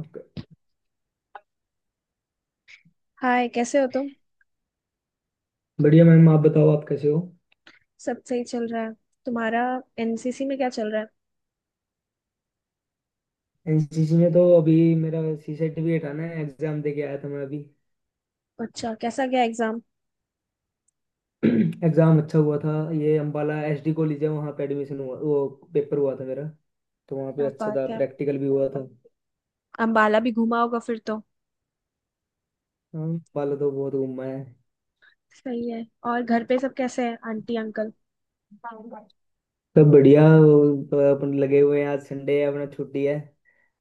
Okay. Hi, कैसे हो तुम। बढ़िया मैम, आप बताओ आप कैसे हो। सब सही चल रहा है। तुम्हारा एनसीसी में क्या चल रहा है। एनसीसी में तो अभी मेरा सीसेट भी हटाना है, एग्जाम दे के आया था मैं अभी। अच्छा, कैसा गया एग्जाम। एग्जाम अच्छा हुआ था। ये अम्बाला एसडी कॉलेज है, वहाँ पे एडमिशन हुआ, वो पेपर हुआ था मेरा तो वहाँ पे क्या अच्छा बात था। है। प्रैक्टिकल भी हुआ था। अंबाला भी घूमा होगा फिर तो। हाँ, अम्बाला तो बहुत घूमा है। सही है। और घर पे सब कैसे हैं, आंटी अंकल। सब बढ़िया। वो तो अपन लगे हुए हैं, आज संडे है अपना छुट्टी है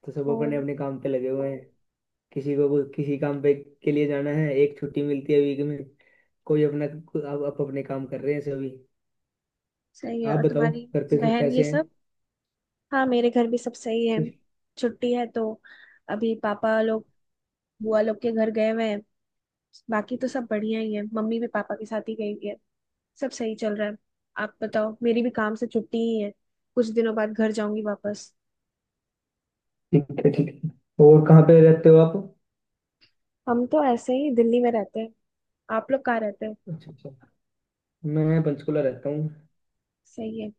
तो सब ओ। अपने अपने काम पे लगे हुए हैं। किसी काम पे के लिए जाना है, एक छुट्टी मिलती है वीक में। कोई अपना आप अपने काम कर रहे हैं सभी। सही है। आप और बताओ, तुम्हारी घर पे सब बहन ये कैसे हैं। सब। हाँ, मेरे घर भी सब सही है। ठीक छुट्टी है तो अभी पापा लोग बुआ लोग के घर गए हुए हैं। बाकी तो सब बढ़िया ही है, मम्मी भी पापा के साथ ही गई हुई है। सब सही चल रहा है। आप बताओ। मेरी भी काम से छुट्टी ही है, कुछ दिनों बाद घर जाऊंगी वापस। है, ठीक है। और कहाँ पे रहते हो आप। हम तो ऐसे ही दिल्ली में रहते हैं। आप लोग कहाँ रहते हैं। अच्छा, अच्छा। मैं पंचकुला रहता हूँ। सही है।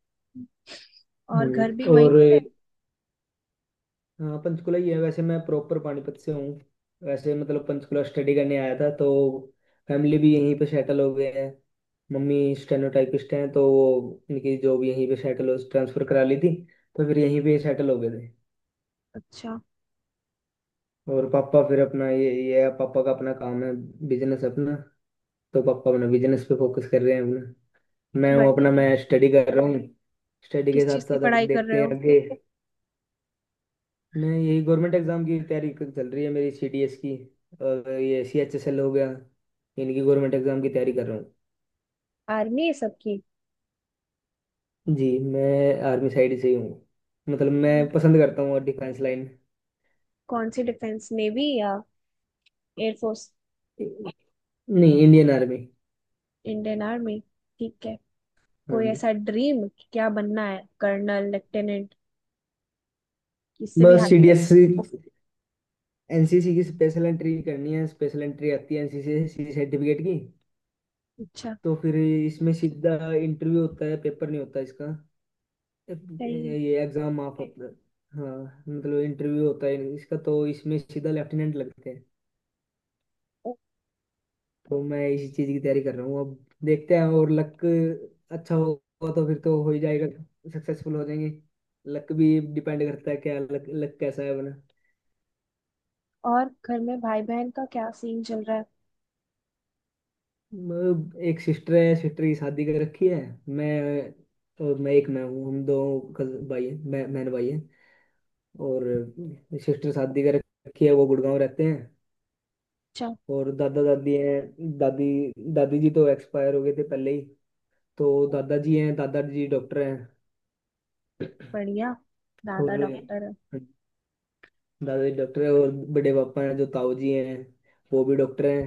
हाँ और घर जी। भी वहीं और पर है। हाँ, पंचकुला ही है, वैसे मैं प्रॉपर पानीपत से हूँ। वैसे मतलब पंचकुला स्टडी करने आया था तो फैमिली भी यहीं पे सेटल हो गए हैं। मम्मी स्टेनोटाइपिस्ट हैं, तो वो उनकी जॉब यहीं पे सेटल हो ट्रांसफर करा ली थी तो फिर यहीं पे सेटल हो गए थे। अच्छा। और पापा फिर अपना ये है, पापा का अपना काम है, बिजनेस अपना। तो पापा अपना बिजनेस पे फोकस कर रहे हैं अपना। मैं हूँ बढ़िया अपना, है। मैं स्टडी कर रहा हूँ। स्टडी के किस साथ चीज़ की साथ अब पढ़ाई कर रहे देखते हैं हो। आगे। मैं यही गवर्नमेंट एग्जाम की तैयारी चल रही है मेरी सीडीएस की। और ये सीएचएसएल हो गया। इनकी गवर्नमेंट एग्जाम की तैयारी कर रहा हूँ। आर्मी है सबकी। जी मैं आर्मी साइड से ही हूँ, मतलब अम, मैं पसंद करता हूँ और डिफेंस लाइन। कौन सी डिफेंस, नेवी या एयरफोर्स। नहीं, इंडियन आर्मी। Indian army. ठीक है। हाँ कोई जी। ऐसा ड्रीम कि क्या बनना है, कर्नल, लेफ्टिनेंट। इससे भी बस हाई पोस्ट। सीडीएस एनसीसी की स्पेशल एंट्री करनी है, स्पेशल एंट्री आती है एनसीसी से सर्टिफिकेट की। अच्छा। तो फिर इसमें सीधा इंटरव्यू होता है, पेपर नहीं होता इसका। अब सही है। ये एग्जाम आप हाँ, मतलब इंटरव्यू होता है इसका तो इसमें सीधा लेफ्टिनेंट लगते हैं। ओ। तो मैं इसी चीज की तैयारी कर रहा हूँ, अब देखते हैं। और लक अच्छा होगा तो फिर तो हो ही जाएगा, सक्सेसफुल हो जाएंगे। लक भी डिपेंड करता है, क्या लक लक कैसा है बना। और घर में भाई बहन का क्या सीन चल रहा है। एक सिस्टर है, सिस्टर की शादी कर रखी है। मैं और मैं एक मैं हूँ, हम दो भाई हैं, मैं बहन भाई हैं। और सिस्टर शादी कर रखी है, वो गुड़गांव रहते हैं। अच्छा। और दादा दादी हैं। दादी दादी जी तो एक्सपायर हो गए थे पहले ही। तो दादाजी हैं, दादाजी डॉक्टर हैं। बढ़िया। और दादा डॉक्टर है। दादाजी डॉक्टर हैं, और बड़े पापा हैं जो ताऊ जी हैं। वो भी डॉक्टर हैं।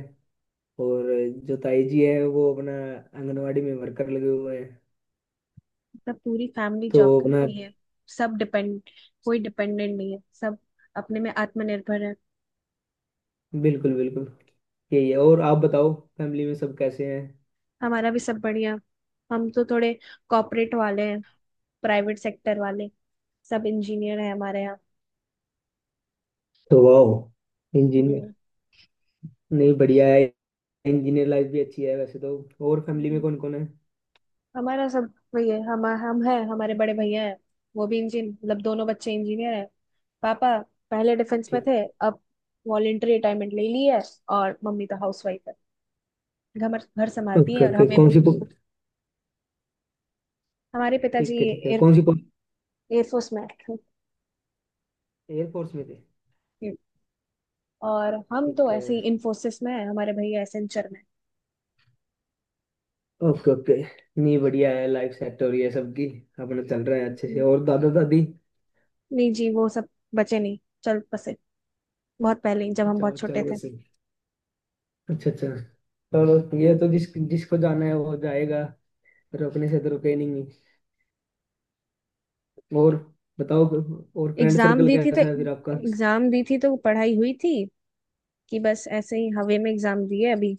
और जो ताई जी हैं, वो अपना आंगनवाड़ी में वर्कर लगे हुए हैं। सब पूरी फैमिली तो जॉब अपना। करती है। सब डिपेंड, कोई डिपेंडेंट नहीं है, सब अपने में आत्मनिर्भर है। बिल्कुल, बिल्कुल। यही है, और आप बताओ, फैमिली में सब कैसे हैं। हमारा भी सब बढ़िया। हम तो थोड़े कॉर्पोरेट वाले हैं, प्राइवेट सेक्टर वाले। सब इंजीनियर है हमारे यहाँ। तो वाह इंजीनियर। हम्म, नहीं, बढ़िया है, इंजीनियर लाइफ भी अच्छी है वैसे तो। और फैमिली में हम्म। कौन कौन है। हमारा सब वही है, हम है, हमारे बड़े भैया है। वो भी इंजीन मतलब दोनों बच्चे इंजीनियर है। पापा पहले डिफेंस में ठीक। थे, अब वॉलेंटरी रिटायरमेंट ले ली है। और मम्मी तो हाउस वाइफ है, घर घर संभालती ओके, है और ओके। हमें कौन भी। सी। हमारे पिताजी ठीक है, ठीक है। कौन सी, कौन? एयरफोर्स में है। एयरफोर्स में थे। ये। और हम तो ठीक है। ऐसे ही इन्फोसिस में है, हमारे भैया एसेंचर में। Okay, okay. नहीं, बढ़िया है। लाइफ सेट हो रही है सबकी। अपना चल रहा है अच्छे से। हम्म। और दादा दादी? नहीं जी, वो सब बचे नहीं, चल बसे। बहुत पहले ही, जब हम अच्छा, बहुत वो छोटे चलो थे। वैसे। अच्छा, अच्छा। चलो, ये तो जिस जिसको जाना है वो जाएगा। रोकने से तो रुके ही नहीं। और बताओ, और फ्रेंड एग्जाम सर्कल दी थी तो कैसा है फिर आपका। एग्जाम दी थी तो पढ़ाई हुई थी, कि बस ऐसे ही हवे में एग्जाम दिए अभी।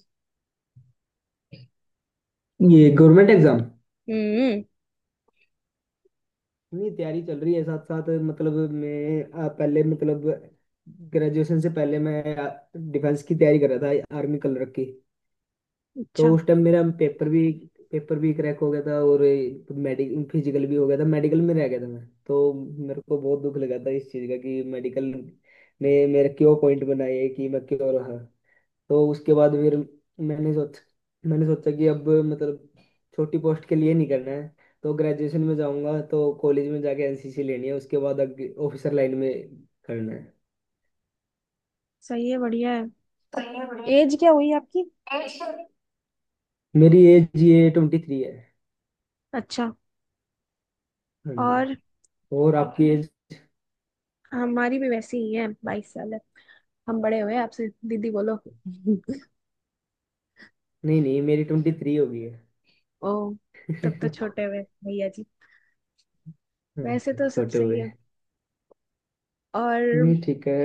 ये गवर्नमेंट एग्जाम? हम्म। नहीं, तैयारी चल रही है साथ साथ, मतलब मैं पहले मतलब, ग्रेजुएशन से पहले मैं डिफेंस की तैयारी कर रहा था, आर्मी कलर की। तो अच्छा, उस टाइम मेरा पेपर भी क्रैक हो गया था और मेडिकल फिजिकल भी हो गया था, मेडिकल में रह गया था मैं तो। मेरे को बहुत दुख लगा था इस चीज़ का कि मेडिकल ने मेरा क्यों पॉइंट बनाया है, कि मैं क्यों रहा। तो उसके बाद फिर मैंने सोच मैंने सोचा कि अब मतलब छोटी पोस्ट के लिए नहीं करना है। तो ग्रेजुएशन में जाऊंगा तो कॉलेज में जाके एनसीसी लेनी है, उसके बाद आगे ऑफिसर लाइन में करना सही है, बढ़िया है। है। एज क्या हुई आपकी। मेरी एज ये 23 है। अच्छा। हाँ जी। और और आपकी एज? हमारी भी वैसी ही है, 22 साल है। हम बड़े हुए आपसे, दीदी बोलो। नहीं, नहीं, मेरी 23 हो गई है। ओ। तब तो छोटे हुए, भैया जी। हम्म। वैसे तो सब छोटे सही हुए। है। और नहीं, ठीक है।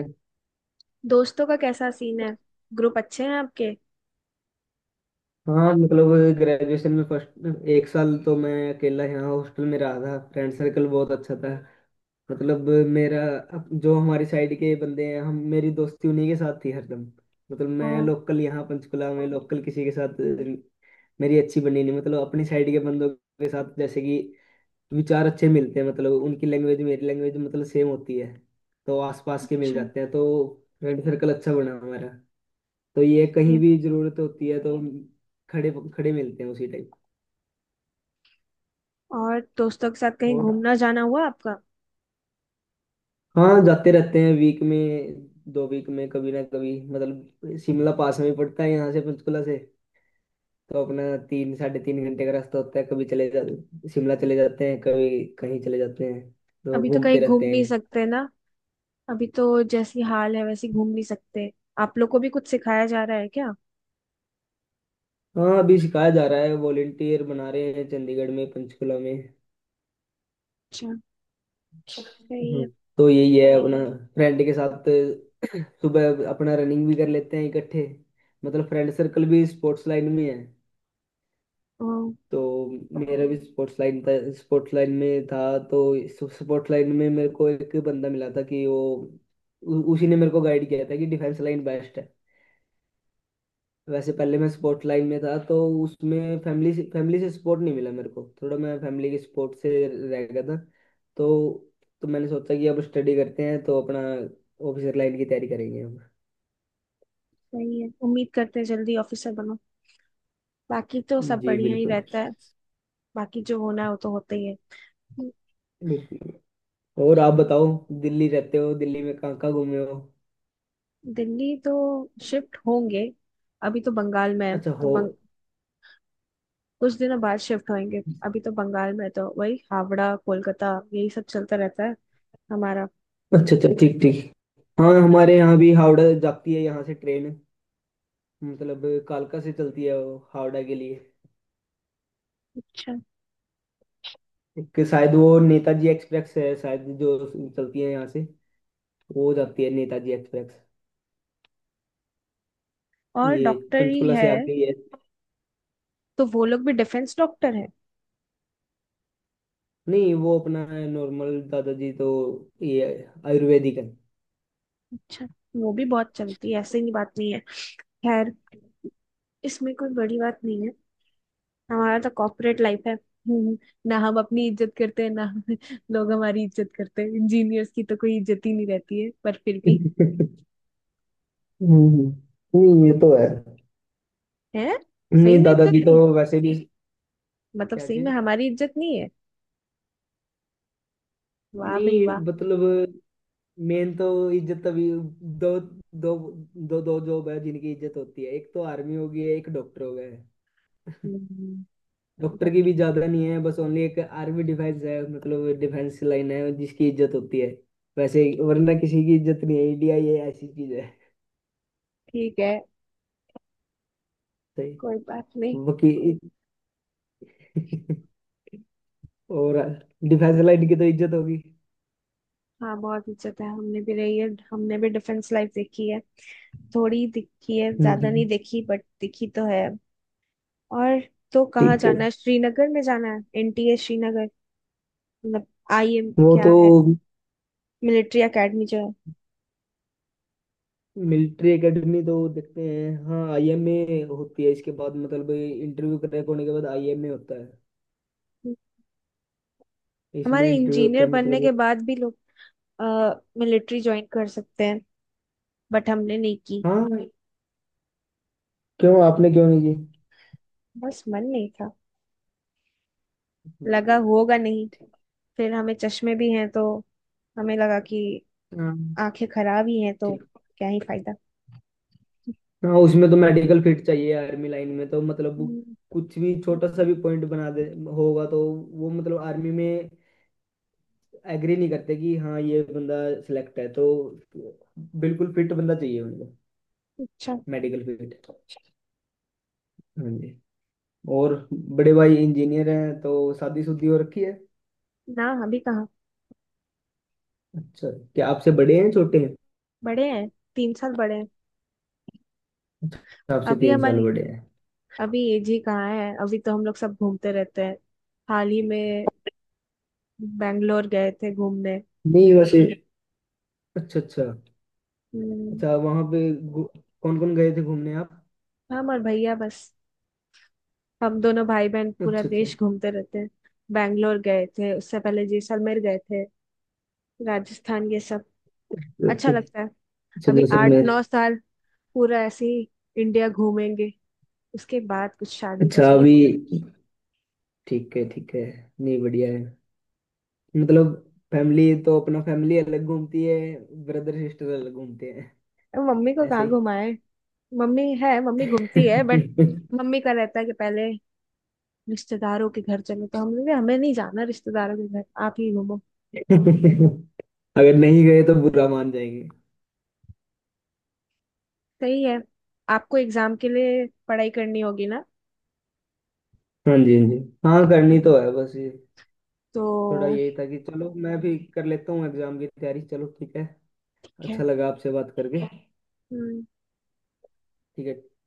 दोस्तों का कैसा सीन है, ग्रुप अच्छे हैं आपके। हाँ, मतलब ग्रेजुएशन में फर्स्ट एक साल तो मैं अकेला यहाँ हॉस्टल में रहा था, फ्रेंड सर्कल बहुत अच्छा था। मतलब मेरा जो हमारी साइड के बंदे हैं, हम मेरी दोस्ती उन्हीं के साथ थी हरदम। मतलब मैं ओ, लोकल यहाँ पंचकुला में लोकल किसी के साथ मेरी अच्छी बनी नहीं, मतलब अपनी साइड के बंदों के साथ जैसे कि विचार अच्छे मिलते हैं, मतलब उनकी लैंग्वेज मेरी लैंग्वेज मतलब सेम होती है। तो आसपास के मिल अच्छा, जाते हैं तो फ्रेंड सर्कल अच्छा बना हमारा। तो ये सही कहीं है। भी जरूरत होती है तो खड़े खड़े मिलते हैं उसी टाइप। और दोस्तों के साथ कहीं और घूमना जाना हुआ आपका। हाँ, जाते रहते हैं वीक में, 2 वीक में कभी ना कभी, मतलब शिमला पास में ही पड़ता है यहाँ से, पंचकुला से। तो अपना 3 साढ़े 3 घंटे का रास्ता होता है, कभी चले जा शिमला चले जाते हैं, कभी कहीं चले जाते हैं तो अभी तो घूमते कहीं घूम रहते नहीं हैं। सकते ना। अभी तो जैसी हाल है वैसी घूम नहीं सकते। आप लोग को भी कुछ सिखाया जा रहा है क्या। हाँ, अभी सिखाया जा रहा है, वॉलेंटियर बना रहे हैं चंडीगढ़ में, पंचकुला में। अच्छा, सही हम्म। है। तो यही है अपना। फ्रेंड के साथ सुबह अपना रनिंग भी कर लेते हैं इकट्ठे, मतलब फ्रेंड सर्कल भी स्पोर्ट्स लाइन में है। ओ, तो मेरा भी स्पोर्ट्स लाइन था स्पोर्ट्स लाइन में था तो, स्पोर्ट्स लाइन में मेरे को एक बंदा मिला था कि वो, उसी ने मेरे को गाइड किया था कि डिफेंस लाइन बेस्ट है। वैसे पहले मैं स्पोर्ट लाइन में था तो उसमें फैमिली से सपोर्ट नहीं मिला मेरे को। थोड़ा मैं फैमिली के सपोर्ट से रह गया था। तो तो मैंने सोचा कि अब स्टडी करते हैं, तो अपना ऑफिसर लाइन की तैयारी करेंगे हम। सही है। उम्मीद करते हैं जल्दी ऑफिसर बनो। बाकी तो सब जी बढ़िया ही बिल्कुल, रहता है। बाकी जो होना है वो तो होता ही है। बिल्कुल। और आप बताओ, दिल्ली रहते हो, दिल्ली में कहाँ कहाँ घूमे हो। दिल्ली तो शिफ्ट होंगे। अभी तो बंगाल में है अच्छा तो हो। कुछ दिनों बाद शिफ्ट होंगे। अभी तो बंगाल में है तो वही हावड़ा कोलकाता, यही सब चलता रहता है हमारा। अच्छा, अच्छा। ठीक, ठीक। हाँ, हमारे यहाँ भी हावड़ा जाती है यहाँ से ट्रेन, मतलब कालका से चलती है वो हावड़ा के लिए। अच्छा। एक शायद वो नेताजी एक्सप्रेस है शायद, जो चलती है यहाँ से। वो हो जाती है नेताजी एक्सप्रेस, और ये डॉक्टर ही पंचकुला से है आती है। तो वो लोग भी डिफेंस डॉक्टर है। नहीं, वो अपना नॉर्मल दादाजी तो ये आयुर्वेदिक है। अच्छा। वो भी बहुत चलती है, ऐसे ही बात नहीं है। खैर, इसमें कोई बड़ी बात नहीं है। हमारा तो कॉर्पोरेट लाइफ है। ना हम अपनी इज्जत करते हैं, ना हम लोग हमारी इज्जत करते हैं। इंजीनियर्स की तो कोई इज्जत ही नहीं रहती है, पर फिर भी हम्म, नहीं ये तो है। है। सही नहीं, में इज्जत दादाजी तो नहीं, वैसे भी मतलब क्या सही में चीज। हमारी इज्जत नहीं है। वाह भाई नहीं वाह। मतलब मेन तो इज्जत तभी, दो दो दो दो जॉब है जिनकी इज्जत होती है, एक तो आर्मी हो गई है, एक डॉक्टर हो गया है। हम्म। डॉक्टर की बस, भी ज्यादा नहीं है, बस ओनली एक आर्मी डिफेंस है, मतलब डिफेंस लाइन है जिसकी इज्जत होती है। वैसे ही, वरना किसी की इज्जत नहीं है, इंडिया ये ऐसी चीज है। ठीक है, सही। कोई बात नहीं। वकी। और डिफेंस लाइन की तो इज्जत होगी। हाँ, बहुत इज्जत है, हमने भी रही है, हमने भी डिफेंस लाइफ देखी है। थोड़ी दिखी है, ज्यादा नहीं हम्म। देखी, बट दिखी तो है। और तो कहाँ ठीक है। जाना है, श्रीनगर में जाना है, एनटीए श्रीनगर। मतलब आईएम वो क्या तो है, मिलिट्री एकेडमी जो मिलिट्री एकेडमी तो देखते हैं, हाँ आईएमए होती है इसके बाद, मतलब इंटरव्यू क्रैक होने के बाद आईएमए होता है। है। इसमें हमारे इंटरव्यू होता इंजीनियर है बनने मतलब। के बाद भी लोग मिलिट्री ज्वाइन कर सकते हैं, बट हमने नहीं की। हाँ। क्यों आपने क्यों नहीं की? बस मन नहीं था, मन लगा नहीं था? होगा नहीं। ठीक। फिर हमें चश्मे भी हैं तो हमें लगा कि हाँ। आंखें खराब ही हैं तो ठीक। क्या ही फायदा। हाँ, उसमें तो मेडिकल फिट चाहिए आर्मी लाइन में, तो मतलब वो कुछ भी छोटा सा भी पॉइंट बना दे होगा तो, वो मतलब आर्मी में एग्री नहीं करते कि हाँ ये बंदा सिलेक्ट है, तो बिल्कुल फिट बंदा चाहिए उनको। अच्छा। Medical fit. हाँ जी। और बड़े भाई इंजीनियर हैं तो शादी शुदी हो रखी है? ना, अभी कहाँ। अच्छा। क्या आपसे बड़े हैं, छोटे हैं? बड़े हैं, 3 साल बड़े हैं। अच्छा, आपसे अभी 3 साल हमारी बड़े हैं। अभी एज ही कहाँ है, अभी तो हम लोग सब घूमते रहते हैं। हाल ही में बैंगलोर गए थे घूमने। नहीं वैसे। अच्छा, अच्छा। हम्म। अच्छा वहां पे कौन कौन गए थे घूमने आप? हम और भैया बस, हम दोनों भाई बहन पूरा अच्छा, अच्छा। देश घूमते रहते हैं। बैंगलोर गए थे, उससे पहले जैसलमेर गए थे, राजस्थान ये सब, अच्छा ओके। लगता है। अच्छा अभी आठ जैसलमेर। नौ साल पूरा ऐसे ही इंडिया घूमेंगे, उसके बाद कुछ शादी का अच्छा, अभी। सोचे। ठीक है, ठीक है। नहीं, बढ़िया है, मतलब फैमिली तो अपना, फैमिली अलग घूमती है, ब्रदर सिस्टर अलग घूमते हैं अब मम्मी को ऐसे कहाँ ही। घुमाए। मम्मी है, मम्मी घूमती है बट मम्मी का रहता है कि पहले रिश्तेदारों के घर चलो, तो हमने कहा, हमें नहीं जाना रिश्तेदारों के घर, आप ही घूमो। अगर नहीं गए तो बुरा मान जाएंगे। सही है। आपको एग्जाम के लिए पढ़ाई करनी होगी ना। हाँ जी, हाँ जी। हाँ, करनी हम्म। तो है बस ये, थोड़ा तो यही था कि चलो मैं भी कर लेता हूँ एग्जाम की तैयारी, चलो ठीक है। ठीक अच्छा लगा आपसे बात करके। ठीक है। है।